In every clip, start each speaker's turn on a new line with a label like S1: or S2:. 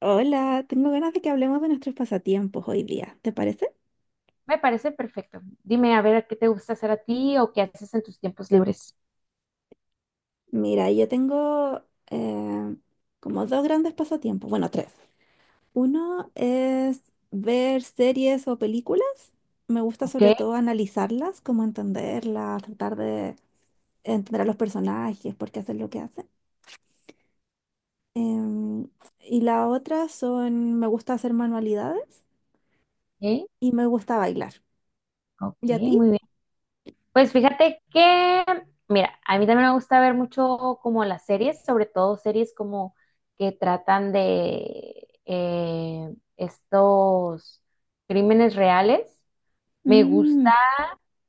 S1: Hola, tengo ganas de que hablemos de nuestros pasatiempos hoy día, ¿te parece?
S2: Me parece perfecto. Dime a ver qué te gusta hacer a ti o qué haces en tus tiempos libres.
S1: Mira, yo tengo eh, como dos grandes pasatiempos, bueno, tres. Uno es ver series o películas. Me gusta
S2: Ok,
S1: sobre todo analizarlas, como entenderlas, tratar de entender a los personajes, por qué hacen lo que hacen. Em, y la otra son, me gusta hacer manualidades
S2: ok,
S1: y me gusta bailar.
S2: ok,
S1: ¿Y a ti?
S2: muy bien. Pues fíjate que, mira, a mí también me gusta ver mucho como las series, sobre todo series como que tratan de estos crímenes reales. Me
S1: Mm.
S2: gusta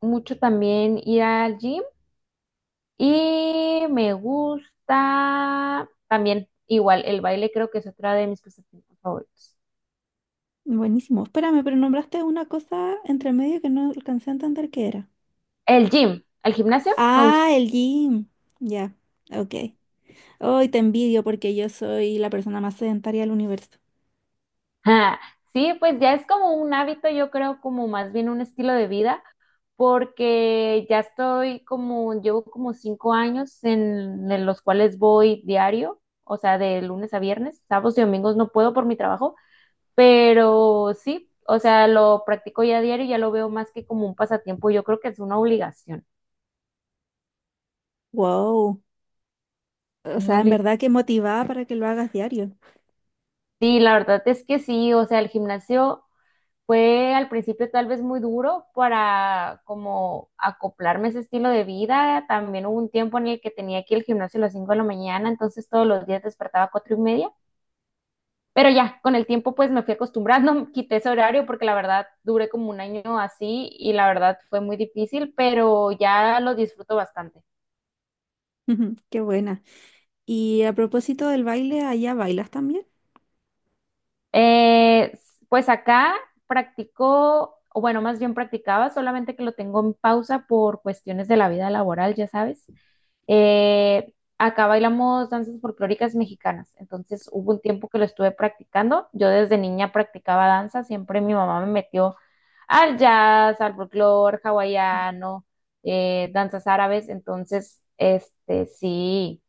S2: mucho también ir al gym y me gusta también igual el baile, creo que es otra de mis pasatiempos favoritos.
S1: Buenísimo. Espérame, pero nombraste una cosa entre medio que no alcancé a entender qué era.
S2: El gym, el gimnasio, me gusta.
S1: Ah, el gym. Ya, ok. Hoy te envidio porque yo soy la persona más sedentaria del universo.
S2: Ah, sí, pues ya es como un hábito, yo creo, como más bien un estilo de vida, porque ya estoy como, llevo como 5 años en los cuales voy diario, o sea, de lunes a viernes, sábados y domingos no puedo por mi trabajo, pero sí, o sea, lo practico ya diario, ya lo veo más que como un pasatiempo, yo creo que es una obligación,
S1: Wow. O
S2: una
S1: sea, en
S2: obligación.
S1: verdad que motivada para que lo hagas diario.
S2: Sí, la verdad es que sí, o sea, el gimnasio fue al principio tal vez muy duro para como acoplarme a ese estilo de vida. También hubo un tiempo en el que tenía aquí el gimnasio a las 5 de la mañana, entonces todos los días despertaba a 4 y media. Pero ya, con el tiempo pues me fui acostumbrando, quité ese horario porque la verdad duré como un año así y la verdad fue muy difícil, pero ya lo disfruto bastante.
S1: Qué buena. Y a propósito del baile, ¿allá bailas también?
S2: Eh, pues acá practicó, o bueno, más bien practicaba, solamente que lo tengo en pausa por cuestiones de la vida laboral, ya sabes. Eh, Acá bailamos danzas folclóricas mexicanas, entonces hubo un tiempo que lo estuve practicando. Yo desde niña practicaba danza, siempre mi mamá me metió al jazz, al folclore hawaiano, danzas árabes, entonces, este, sí,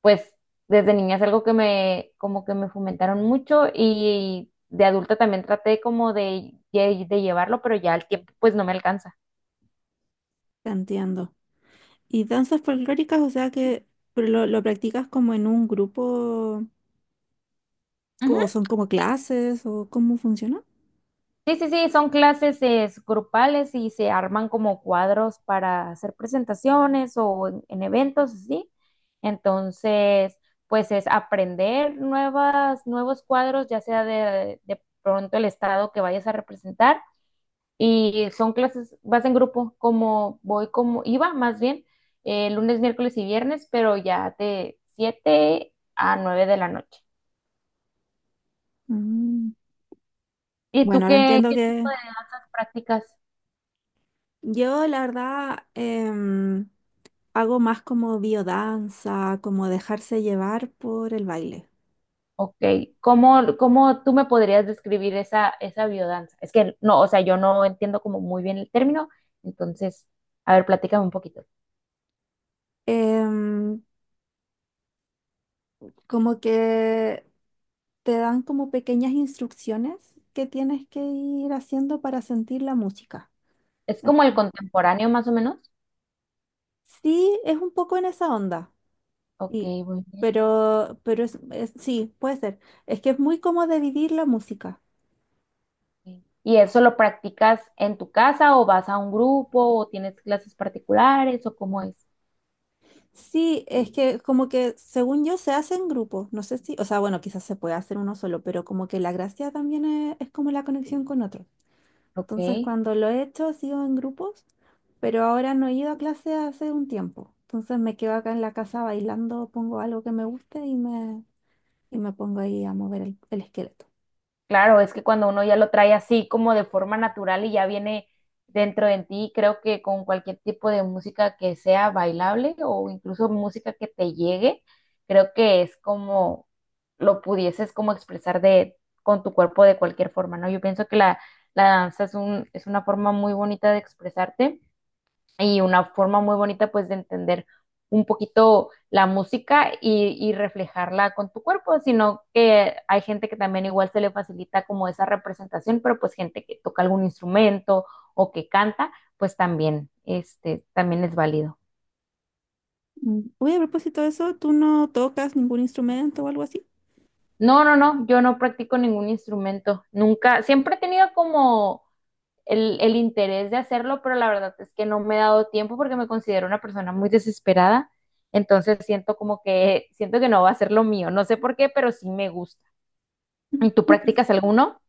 S2: pues desde niña es algo que me, como que me fomentaron mucho y de adulta también traté como de llevarlo, pero ya el tiempo pues no me alcanza.
S1: Te entiendo. ¿Y danzas folclóricas? O sea que pero lo practicas como en un grupo,
S2: Ujú.
S1: ¿o son como clases, o cómo funciona?
S2: Sí, sí, sí, son clases grupales y se arman como cuadros para hacer presentaciones o en eventos, ¿sí? Entonces, pues es aprender nuevas, nuevos cuadros, ya sea de pronto el estado que vayas a representar. Y son clases, vas en grupo, como voy, como iba más bien, lunes, miércoles y viernes, pero ya de 7 a 9 de la noche.
S1: Mm.
S2: ¿Y tú
S1: Bueno, ahora
S2: qué,
S1: entiendo
S2: qué tipo
S1: que
S2: de danzas practicas?
S1: yo, la verdad, hago más como biodanza, como dejarse llevar por el baile.
S2: Ok, ¿cómo, cómo tú me podrías describir esa, esa biodanza? Es que no, o sea, yo no entiendo como muy bien el término, entonces, a ver, platícame un poquito.
S1: Em, Como que te dan como pequeñas instrucciones que tienes que ir haciendo para sentir la música.
S2: ¿Es como el
S1: Entonces,
S2: contemporáneo más o menos?
S1: sí, es un poco en esa onda,
S2: Ok,
S1: sí,
S2: bueno.
S1: pero, sí, puede ser. Es que es muy como de vivir la música.
S2: ¿Y eso lo practicas en tu casa o vas a un grupo o tienes clases particulares o cómo es?
S1: Sí, es que como que según yo se hace en grupos, no sé si, o sea, bueno, quizás se puede hacer uno solo, pero como que la gracia también es como la conexión con otros.
S2: Ok,
S1: Entonces, cuando lo he hecho, ha sido en grupos, pero ahora no he ido a clase hace un tiempo. Entonces me quedo acá en la casa bailando, pongo algo que me guste y y me pongo ahí a mover el esqueleto.
S2: claro, es que cuando uno ya lo trae así como de forma natural y ya viene dentro de ti, creo que con cualquier tipo de música que sea bailable o incluso música que te llegue, creo que es como lo pudieses como expresar de con tu cuerpo de cualquier forma, ¿no? Yo pienso que la danza es un, es una forma muy bonita de expresarte y una forma muy bonita pues de entender un poquito la música y reflejarla con tu cuerpo, sino que hay gente que también igual se le facilita como esa representación, pero pues gente que toca algún instrumento o que canta, pues también, este, también es válido.
S1: Mm. Oye, a propósito de eso, ¿tú no tocas ningún instrumento o algo así?
S2: No, no, no, yo no practico ningún instrumento, nunca, siempre he tenido como el interés de hacerlo, pero la verdad es que no me he dado tiempo porque me considero una persona muy desesperada. Entonces siento como que, siento que no va a ser lo mío. No sé por qué, pero sí me gusta. ¿Y ¿Tú practicas alguno?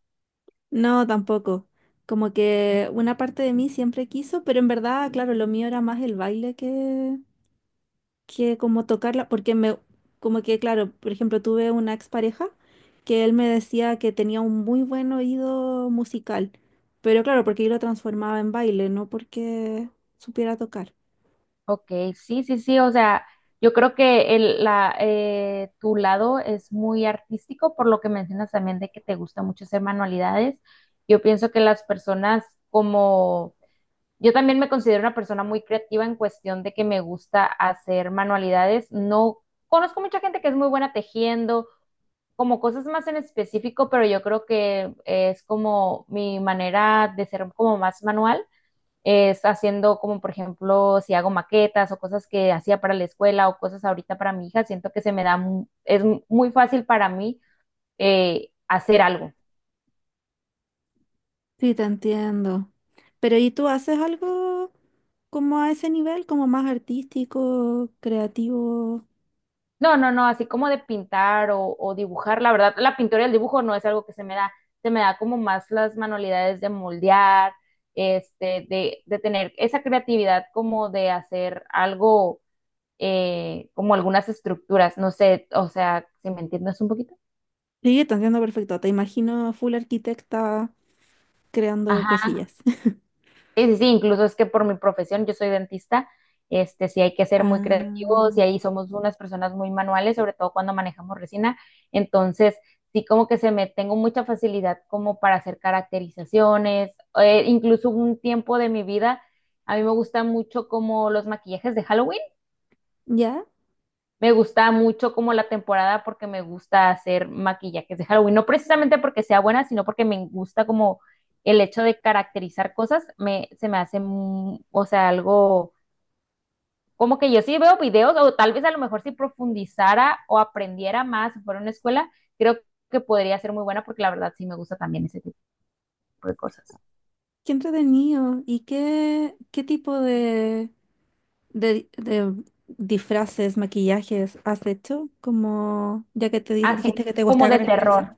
S1: No, tampoco. Como que una parte de mí siempre quiso, pero en verdad, claro, lo mío era más el baile que como tocarla, porque me, como que, claro, por ejemplo, tuve una expareja que él me decía que tenía un muy buen oído musical, pero claro, porque yo lo transformaba en baile, no porque supiera tocar.
S2: Ok, sí, sí, sí. O sea, yo creo que el, la, tu lado es muy artístico, por lo que mencionas también de que te gusta mucho hacer manualidades. Yo pienso que las personas como, yo también me considero una persona muy creativa en cuestión de que me gusta hacer manualidades. No conozco mucha gente que es muy buena tejiendo, como cosas más en específico, pero yo creo que es como mi manera de ser como más manual, es haciendo como por ejemplo si hago maquetas o cosas que hacía para la escuela o cosas ahorita para mi hija, siento que se me da, es muy fácil para mí hacer algo.
S1: Sí, te entiendo. Pero ¿y tú haces algo como a ese nivel, como más artístico, creativo?
S2: No, no, no, así como de pintar o dibujar, la verdad, la pintura y el dibujo no es algo que se me da como más las manualidades de moldear, este, de tener esa creatividad como de hacer algo, como algunas estructuras, no sé, o sea, si me entiendes un poquito.
S1: Sí, te entiendo perfecto. Te imagino full arquitecta creando cosillas.
S2: Sí, sí, sí, incluso es que por mi profesión, yo soy dentista, este, sí hay que ser muy creativos
S1: Ah,
S2: y ahí somos unas personas muy manuales, sobre todo cuando manejamos resina. Entonces, sí como que se me tengo mucha facilidad como para hacer caracterizaciones, incluso un tiempo de mi vida, a mí me gustan mucho como los maquillajes de Halloween.
S1: ya,
S2: Me gusta mucho como la temporada porque me gusta hacer maquillajes de Halloween, no precisamente porque sea buena, sino porque me gusta como el hecho de caracterizar cosas, me, se me hace, o sea, algo como que yo sí veo videos o tal vez a lo mejor si profundizara o aprendiera más, si fuera una escuela, creo que podría ser muy buena porque la verdad sí me gusta también ese tipo de cosas.
S1: qué entretenido. ¿Y qué, qué tipo de disfraces, maquillajes has hecho? Como ya que dijiste
S2: Así
S1: que te
S2: como
S1: gustaba
S2: de
S1: caracterizar.
S2: terror.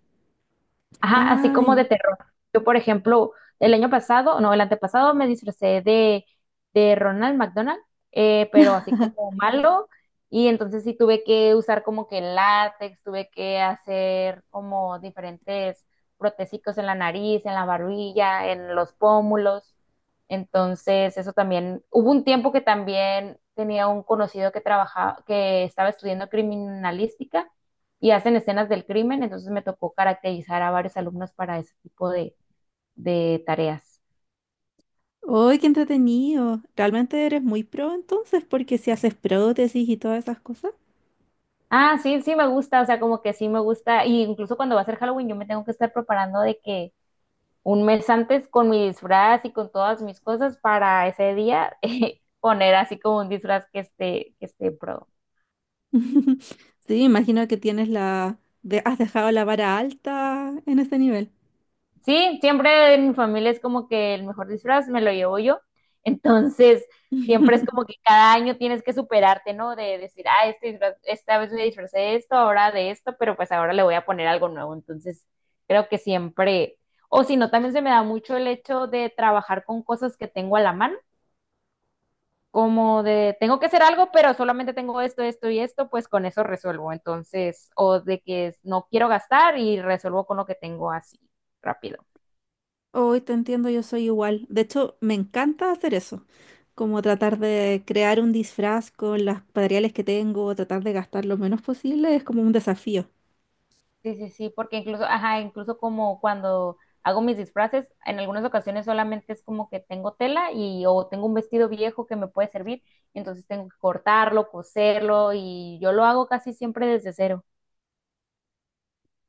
S2: Ajá, así
S1: Ah,
S2: como
S1: ya.
S2: de terror. Yo, por ejemplo, el año pasado, no, el antepasado me disfracé de Ronald McDonald, pero así como malo, y entonces sí tuve que usar como que látex, tuve que hacer como diferentes protésicos en la nariz, en la barbilla, en los pómulos. Entonces, eso también, hubo un tiempo que también tenía un conocido que trabajaba, que estaba estudiando criminalística y hacen escenas del crimen, entonces me tocó caracterizar a varios alumnos para ese tipo de tareas.
S1: ¡Uy, qué entretenido! Realmente eres muy pro entonces, porque si haces prótesis y todas esas cosas.
S2: Ah, sí, sí me gusta, o sea, como que sí me gusta, y incluso cuando va a ser Halloween yo me tengo que estar preparando de que un mes antes con mi disfraz y con todas mis cosas para ese día poner así como un disfraz que esté pro.
S1: Sí, imagino que tienes has dejado la vara alta en este nivel.
S2: Sí, siempre en mi familia es como que el mejor disfraz me lo llevo yo. Entonces, siempre es como que cada año tienes que superarte, ¿no? De decir, ah, esta vez me disfracé de esto, ahora de esto, pero pues ahora le voy a poner algo nuevo. Entonces, creo que siempre, o si no, también se me da mucho el hecho de trabajar con cosas que tengo a la mano como de tengo que hacer algo, pero solamente tengo esto, esto y esto, pues con eso resuelvo. Entonces, o de que no quiero gastar y resuelvo con lo que tengo así, rápido.
S1: Hoy te entiendo, yo soy igual. De hecho, me encanta hacer eso, como tratar de crear un disfraz con los materiales que tengo, tratar de gastar lo menos posible, es como un desafío.
S2: Sí, sí, sí, porque incluso, ajá, incluso como cuando hago mis disfraces, en algunas ocasiones solamente es como que tengo tela y o tengo un vestido viejo que me puede servir, entonces tengo que cortarlo, coserlo y yo lo hago casi siempre desde cero.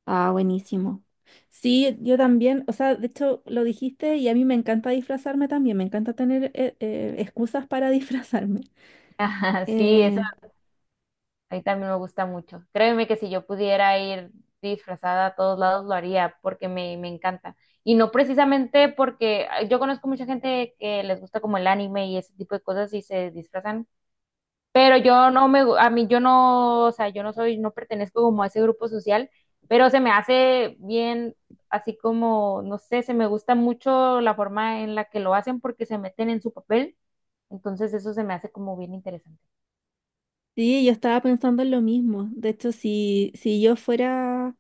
S1: Ah, buenísimo. Sí, yo también, o sea, de hecho lo dijiste y a mí me encanta disfrazarme también, me encanta tener excusas para disfrazarme.
S2: Ajá, sí, eso
S1: Eh,
S2: a mí también me gusta mucho. Créeme que si yo pudiera ir disfrazada a todos lados lo haría porque me encanta. Y no precisamente porque ah, yo conozco mucha gente que les gusta como el anime y ese tipo de cosas y se disfrazan, pero yo no me, a mí yo no, o sea, yo no soy, no pertenezco como a ese grupo social, pero se me hace bien, así como, no sé, se me gusta mucho la forma en la que lo hacen porque se meten en su papel, entonces eso se me hace como bien interesante.
S1: sí, yo estaba pensando en lo mismo. De hecho, si yo fuera,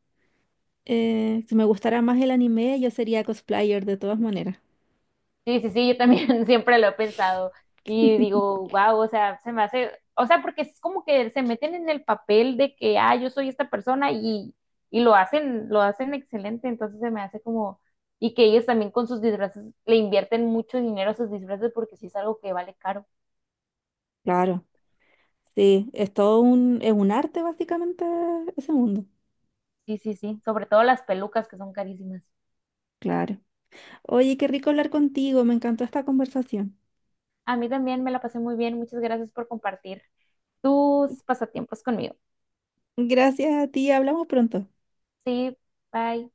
S1: si me gustara más el anime, yo sería cosplayer de todas maneras.
S2: Sí, sí, sí, yo también siempre lo he pensado y digo, wow, o sea, se me hace, o sea, porque es como que se meten en el papel de que, ah, yo soy esta persona y lo hacen excelente, entonces se me hace como, y que ellos también con sus disfraces le invierten mucho dinero a sus disfraces porque sí es algo que vale caro.
S1: Claro. Sí, es todo un, es un arte básicamente ese mundo.
S2: Sí, sí, sí, sobre todo las pelucas que son carísimas.
S1: Claro. Oye, qué rico hablar contigo, me encantó esta conversación.
S2: A mí también me la pasé muy bien, muchas gracias por compartir tus pasatiempos conmigo.
S1: Gracias a ti, hablamos pronto.
S2: Sí, bye.